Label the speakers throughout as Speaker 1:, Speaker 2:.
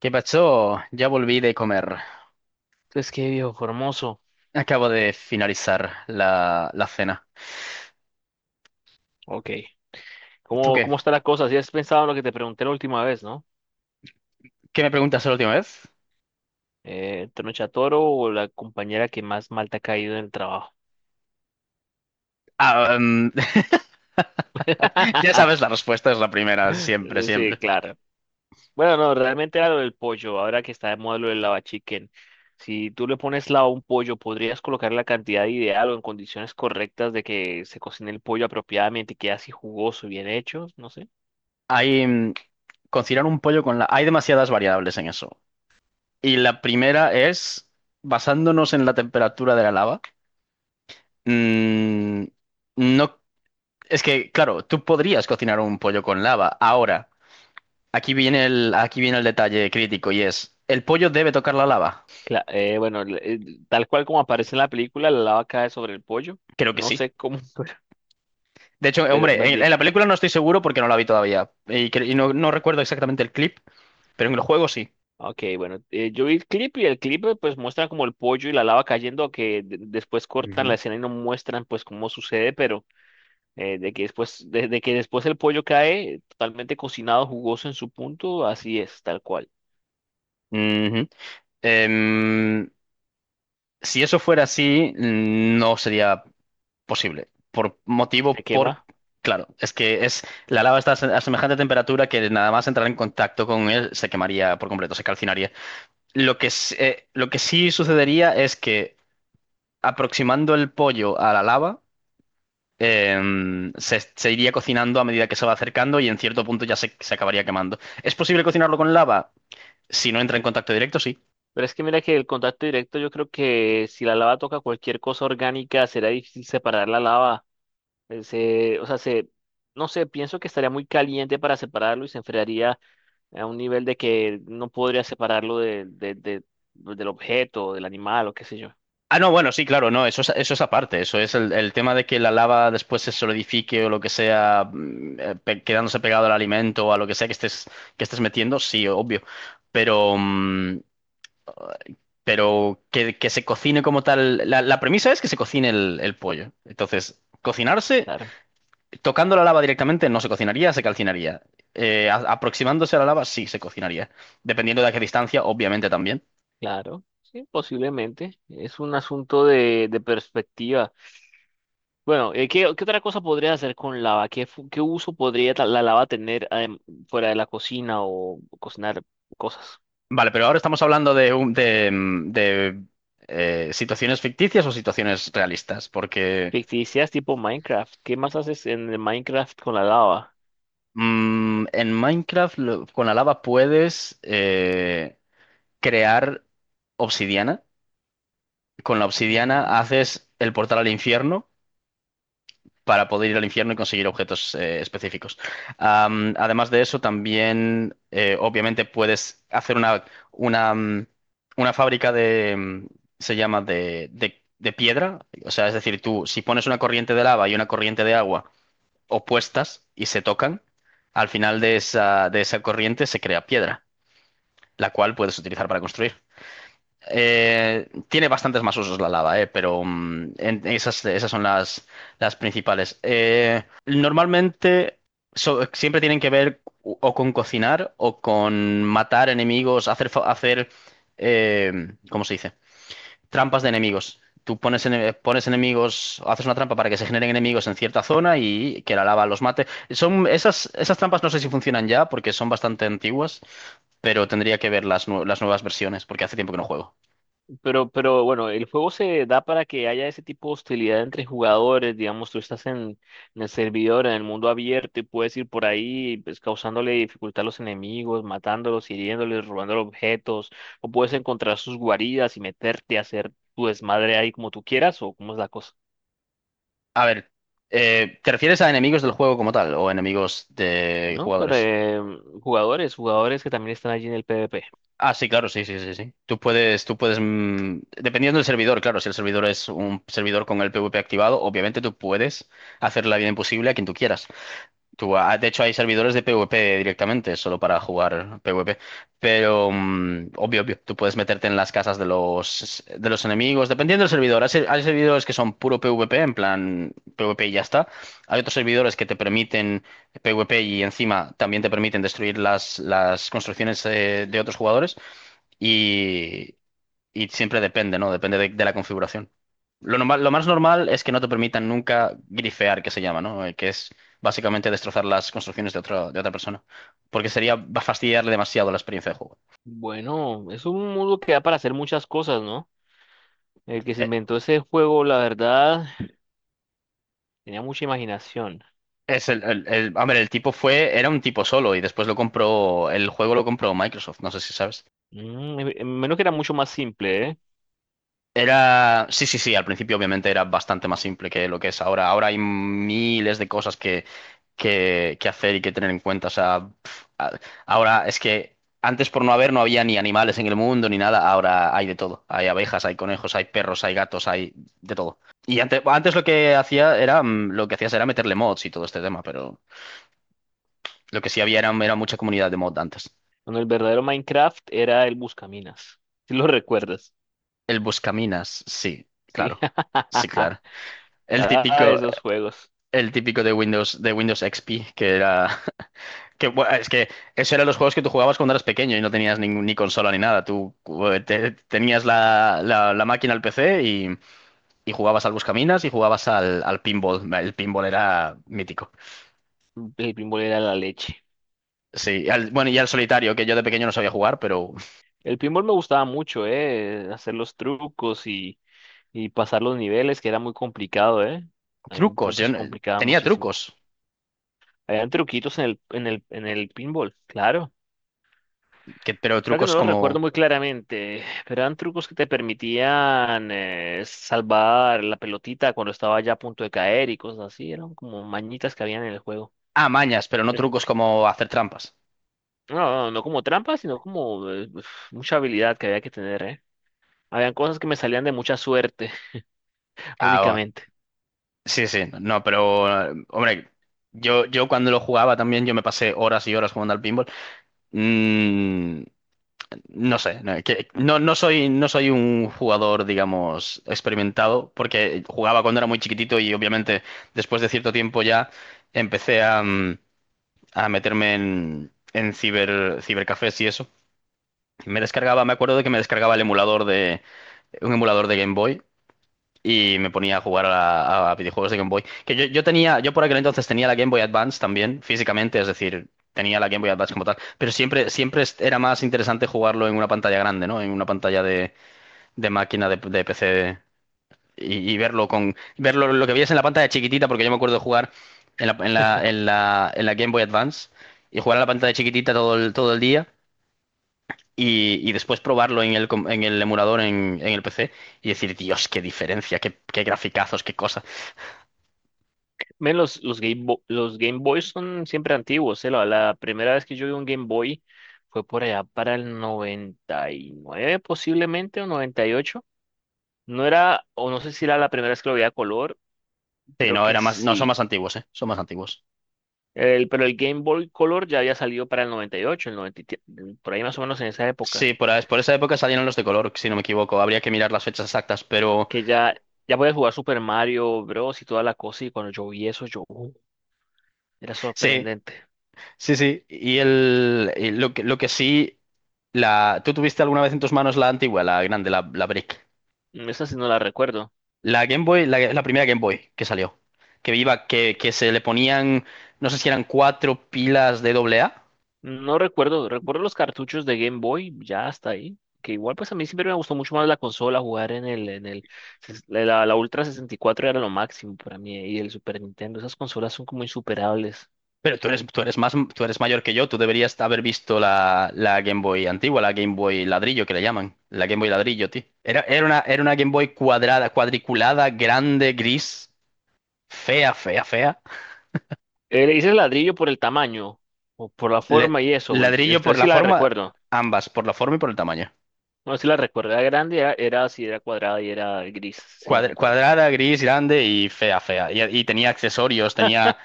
Speaker 1: ¿Qué pasó? Ya volví de comer.
Speaker 2: Entonces qué viejo Formoso.
Speaker 1: Acabo de finalizar la cena.
Speaker 2: Ok.
Speaker 1: ¿Tú
Speaker 2: ¿Cómo,
Speaker 1: qué?
Speaker 2: cómo está la cosa? Si has pensado en lo que te pregunté la última vez, ¿no?
Speaker 1: ¿Qué me preguntas la última vez?
Speaker 2: Eh, ¿Toro o la compañera que más mal te ha caído en el trabajo?
Speaker 1: Ah, em, ya sabes, la respuesta es la primera, siempre,
Speaker 2: Sí,
Speaker 1: siempre.
Speaker 2: claro. Bueno, no, realmente era lo del pollo. Ahora que está de moda lo del lava chicken. Si tú le pones lava a un pollo, podrías colocar la cantidad ideal o en condiciones correctas de que se cocine el pollo apropiadamente y quede así jugoso, bien hecho. No sé.
Speaker 1: Hay, cocinar un pollo con la. Hay demasiadas variables en eso. Y la primera es, basándonos en la temperatura de la lava, mm, no. Es que, claro, tú podrías cocinar un pollo con lava ahora. Aquí viene el detalle crítico y es, ¿el pollo debe tocar la lava?
Speaker 2: Bueno, tal cual como aparece en la película, la lava cae sobre el pollo.
Speaker 1: Creo que
Speaker 2: No
Speaker 1: sí.
Speaker 2: sé cómo.
Speaker 1: De hecho,
Speaker 2: pero me
Speaker 1: hombre, en,
Speaker 2: di-
Speaker 1: en la película no estoy seguro porque no la vi todavía y, no recuerdo exactamente el clip, pero en el juego sí.
Speaker 2: ok, bueno, yo vi el clip y el clip pues muestra como el pollo y la lava cayendo, que después cortan la
Speaker 1: Ujú.
Speaker 2: escena y no muestran pues cómo sucede. Pero de que después el pollo cae totalmente cocinado, jugoso en su punto, así es, tal cual.
Speaker 1: Ujú. Em, si eso fuera así, no sería posible. Por
Speaker 2: Se
Speaker 1: motivo, por.
Speaker 2: quema.
Speaker 1: Claro, es que es la lava está a semejante temperatura que nada más entrar en contacto con él se quemaría por completo, se calcinaría. Lo que sí sucedería es que aproximando el pollo a la lava, se iría cocinando a medida que se va acercando y en cierto punto ya se acabaría quemando. ¿Es posible cocinarlo con lava? Si no entra en contacto directo, sí.
Speaker 2: Pero es que mira que el contacto directo, yo creo que si la lava toca cualquier cosa orgánica, será difícil separar la lava, o sea, no sé, pienso que estaría muy caliente para separarlo y se enfriaría a un nivel de que no podría separarlo del objeto, del animal o qué sé yo.
Speaker 1: Ah, no, bueno, sí, claro, no, eso es, aparte. Eso es el tema de que la lava después se solidifique o lo que sea, quedándose pegado al alimento o a lo que sea que estés metiendo, sí, obvio. Pero, mm, pero que se cocine como tal. La premisa es que se cocine el pollo. Entonces, cocinarse.
Speaker 2: Claro,
Speaker 1: Tocando la lava directamente no se cocinaría, se calcinaría. Aproximándose a la lava sí se cocinaría, dependiendo de a qué distancia, obviamente también.
Speaker 2: claro, sí, posiblemente. Es un asunto de, perspectiva. Bueno, ¿qué otra cosa podría hacer con lava? ¿Qué uso podría la lava tener, fuera de la cocina o cocinar cosas?
Speaker 1: Vale, pero ahora estamos hablando de, un- de, mm, de, situaciones ficticias o situaciones realistas, porque
Speaker 2: Ficticias tipo Minecraft. ¿Qué más haces en el Minecraft con la lava?
Speaker 1: en Minecraft con la lava puedes crear obsidiana. Con la
Speaker 2: Ujú.
Speaker 1: obsidiana haces el portal al infierno para poder ir al infierno y conseguir objetos específicos. Además de eso, también obviamente puedes hacer una, mm, una fábrica de, mm, se llama de piedra. O sea, es decir, tú si pones una corriente de lava y una corriente de agua opuestas y se tocan, al final de esa corriente se crea piedra, la cual puedes utilizar para construir. Tiene bastantes más usos la lava, pero esas son las principales. Normalmente siempre tienen que ver o con cocinar o con matar enemigos, hacer ¿cómo se dice? Trampas de enemigos. Tú pones, pones enemigos, haces una trampa para que se generen enemigos en cierta zona y que la lava los mate. Son esas trampas no sé si funcionan ya porque son bastante antiguas, pero tendría que ver las nuevas versiones porque hace tiempo que no juego.
Speaker 2: Pero bueno, el juego se da para que haya ese tipo de hostilidad entre jugadores. Digamos, tú estás en el servidor, en el mundo abierto, y puedes ir por ahí, pues, causándole dificultad a los enemigos, matándolos, hiriéndoles, robando objetos, o puedes encontrar sus guaridas y meterte a hacer tu desmadre ahí como tú quieras, o cómo es la cosa,
Speaker 1: A ver, ¿te refieres a enemigos del juego como tal o enemigos de
Speaker 2: ¿no? Pero,
Speaker 1: jugadores?
Speaker 2: jugadores, jugadores que también están allí en el PvP.
Speaker 1: Ah, sí, claro, sí, sí, sí, sí. Tú puedes, dependiendo del servidor, claro, si el servidor es un servidor con el PvP activado, obviamente tú puedes hacer la vida imposible a quien tú quieras. De hecho, hay servidores de PvP directamente, solo para jugar PvP. Obvio, obvio, tú puedes meterte en las casas de los, enemigos, dependiendo del servidor. Hay servidores que son puro PvP, en plan PvP y ya está. Hay otros servidores que te permiten PvP y encima también te permiten destruir las construcciones de otros jugadores. Y siempre depende, ¿no? Depende de la configuración. Lo normal, lo más normal es que no te permitan nunca grifear, que se llama, ¿no? Que es básicamente destrozar las construcciones de otra persona. Porque sería va a fastidiarle demasiado la experiencia de juego.
Speaker 2: Bueno, es un mundo que da para hacer muchas cosas, ¿no? El que se
Speaker 1: Eh,
Speaker 2: inventó ese juego, la verdad, tenía mucha imaginación.
Speaker 1: Es el- a ver, el tipo era un tipo solo y después lo compró, el juego lo compró Microsoft, no sé si sabes.
Speaker 2: Menos que era mucho más simple, ¿eh?
Speaker 1: Sí, sí, sí, al principio obviamente era bastante más simple que lo que es ahora. Ahora hay miles de cosas que, que hacer y que tener en cuenta. O sea, ahora es que antes por no haber no había ni animales en el mundo ni nada. Ahora hay de todo. Hay abejas, hay conejos, hay perros, hay gatos, hay de todo. Y antes, antes lo que hacía era, mm, lo que hacías era meterle mods y todo este tema, pero lo que sí había era mucha comunidad de mod antes.
Speaker 2: Cuando el verdadero Minecraft era el Buscaminas. Si lo recuerdas.
Speaker 1: El buscaminas, sí,
Speaker 2: Sí.
Speaker 1: claro. Sí, claro. El
Speaker 2: Ah,
Speaker 1: típico,
Speaker 2: esos juegos.
Speaker 1: el típico de Windows XP, que era. Que, bueno, es que eso eran los juegos que tú jugabas cuando eras pequeño y no tenías ni consola ni nada. Tú tenías la máquina al PC y, jugabas al Buscaminas y jugabas al, pinball. El pinball era mítico.
Speaker 2: El pinball era la leche.
Speaker 1: Sí, bueno, y al solitario, que yo de pequeño no sabía jugar, pero
Speaker 2: El pinball me gustaba mucho, ¿eh? Hacer los trucos y, pasar los niveles, que era muy complicado, ¿eh? En algún
Speaker 1: trucos.
Speaker 2: punto
Speaker 1: Yo
Speaker 2: se complicaba
Speaker 1: tenía
Speaker 2: muchísimo.
Speaker 1: trucos,
Speaker 2: Habían truquitos en el pinball, claro.
Speaker 1: que, pero
Speaker 2: Creo que no
Speaker 1: trucos
Speaker 2: lo recuerdo
Speaker 1: como.
Speaker 2: muy claramente, pero eran trucos que te permitían, salvar la pelotita cuando estaba ya a punto de caer y cosas así. Eran como mañitas que habían en el juego.
Speaker 1: Ah, mañas, pero no
Speaker 2: Eh,
Speaker 1: trucos como hacer trampas.
Speaker 2: No, no, no como trampas, sino como, mucha habilidad que había que tener, ¿eh? Habían cosas que me salían de mucha suerte
Speaker 1: Ah,
Speaker 2: únicamente.
Speaker 1: sí, sí, no, pero hombre, yo, cuando lo jugaba también, yo me pasé horas y horas jugando al pinball. Mm, no sé, no, no, no soy, un jugador, digamos, experimentado, porque jugaba cuando era muy chiquitito y obviamente después de cierto tiempo ya empecé a, meterme en, cibercafés y eso. Me acuerdo de que me descargaba el emulador un emulador de Game Boy y me ponía a jugar a, videojuegos de Game Boy. Que yo por aquel entonces tenía la Game Boy Advance también, físicamente, es decir, tenía la Game Boy Advance como tal, pero siempre, siempre era más interesante jugarlo en una pantalla grande, ¿no? En una pantalla de máquina de PC y, verlo lo que veías en la pantalla chiquitita, porque yo me acuerdo de jugar en la, en la Game Boy Advance y jugar a la pantalla chiquitita todo el día. Y, después probarlo en el, en el emulador en, el PC y decir, Dios, qué diferencia, qué graficazos, qué cosas.
Speaker 2: Men, los, los Game Boys son siempre antiguos, ¿eh? La primera vez que yo vi un Game Boy fue por allá para el 99, posiblemente, o 98. No era, o no sé si era la primera vez que lo veía a color,
Speaker 1: Sí,
Speaker 2: creo
Speaker 1: no,
Speaker 2: que
Speaker 1: era más, no, son
Speaker 2: sí.
Speaker 1: más antiguos, ¿eh? Son más antiguos.
Speaker 2: Pero el Game Boy Color ya había salido para el 98, el 97, por ahí más o menos en esa época,
Speaker 1: Sí, por, por esa época salieron los de color, si no me equivoco. Habría que mirar las fechas exactas, pero
Speaker 2: que ya, podías jugar Super Mario Bros. Y toda la cosa, y cuando yo vi eso, yo, era
Speaker 1: sí,
Speaker 2: sorprendente".
Speaker 1: sí, sí. Y lo que sí, ¿tú tuviste alguna vez en tus manos la antigua, la grande, la, Brick?
Speaker 2: Esa sí no la recuerdo.
Speaker 1: La Game Boy, la, primera Game Boy que salió, que iba, que se le ponían, no sé si eran cuatro pilas de doble A.
Speaker 2: No recuerdo, recuerdo los cartuchos de Game Boy, ya hasta ahí, que igual pues a mí siempre me gustó mucho más la consola, jugar en el, ses- la, la Ultra 64 era lo máximo para mí, y el Super Nintendo. Esas consolas son como insuperables.
Speaker 1: Pero tú eres más, tú eres mayor que yo, tú deberías haber visto la, Game Boy antigua, la Game Boy ladrillo que le llaman. La Game Boy ladrillo, tío. Era una Game Boy cuadrada, cuadriculada, grande, gris, fea, fea, fea.
Speaker 2: Le dices ladrillo por el tamaño o por la
Speaker 1: Le-
Speaker 2: forma y eso, pues,
Speaker 1: Ladrillo
Speaker 2: esta
Speaker 1: por
Speaker 2: sí
Speaker 1: la
Speaker 2: la
Speaker 1: forma,
Speaker 2: recuerdo.
Speaker 1: ambas, por la forma y por el tamaño.
Speaker 2: No, si la recuerdo, era grande, era así, era cuadrada y era gris, si la
Speaker 1: cuadra-
Speaker 2: recuerdo.
Speaker 1: cuadrada, gris, grande y fea, fea. Y, tenía accesorios,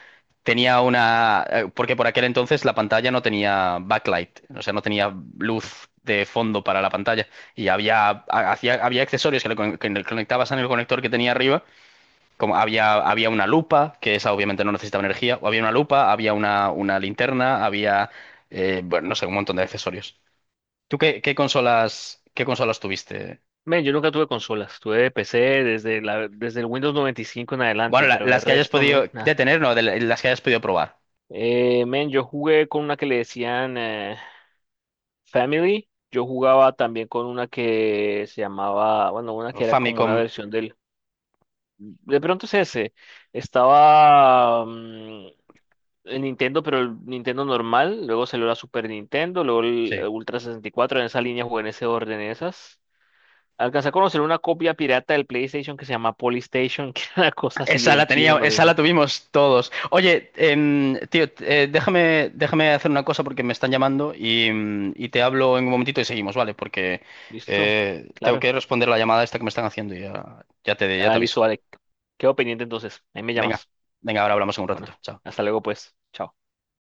Speaker 1: tenía una. Porque por aquel entonces la pantalla no tenía backlight, o sea, no tenía luz de fondo para la pantalla. Y había, había accesorios que le, que le conectabas en el conector que tenía arriba, como había, una lupa, que esa obviamente no necesitaba energía, o había una lupa, había una, linterna, bueno, no sé, un montón de accesorios. ¿Tú qué, consolas tuviste?
Speaker 2: Men, yo nunca tuve consolas, tuve PC desde el Windows 95 en
Speaker 1: Bueno,
Speaker 2: adelante,
Speaker 1: la-
Speaker 2: pero el
Speaker 1: las que hayas
Speaker 2: resto,
Speaker 1: podido
Speaker 2: men, nada.
Speaker 1: detener, no, de las que hayas podido probar.
Speaker 2: Men, yo jugué con una que le decían, Family, yo jugaba también con una que se llamaba, bueno, una que era como una
Speaker 1: Famicom,
Speaker 2: versión de pronto es ese, estaba, el Nintendo, pero el Nintendo normal, luego salió la Super Nintendo, luego el,
Speaker 1: sí.
Speaker 2: Ultra 64. En esa línea jugué, en ese orden, esas. Alcancé a conocer una copia pirata del PlayStation que se llama Polystation, que era una cosa así
Speaker 1: Esa la
Speaker 2: bien china,
Speaker 1: tenía,
Speaker 2: no sé.
Speaker 1: esa
Speaker 2: Si
Speaker 1: la tuvimos todos. Oye, tío, déjame, hacer una cosa porque me están llamando y, te hablo en un momentito y seguimos, ¿vale? Porque
Speaker 2: ¿Listo?
Speaker 1: tengo
Speaker 2: Claro.
Speaker 1: que responder la llamada esta que me están haciendo y ya,
Speaker 2: Ah,
Speaker 1: te aviso.
Speaker 2: listo, vale. Quedo pendiente entonces. Ahí me
Speaker 1: Venga,
Speaker 2: llamas.
Speaker 1: venga, ahora hablamos en un ratito.
Speaker 2: Bueno,
Speaker 1: Chao.
Speaker 2: hasta luego pues. Chao.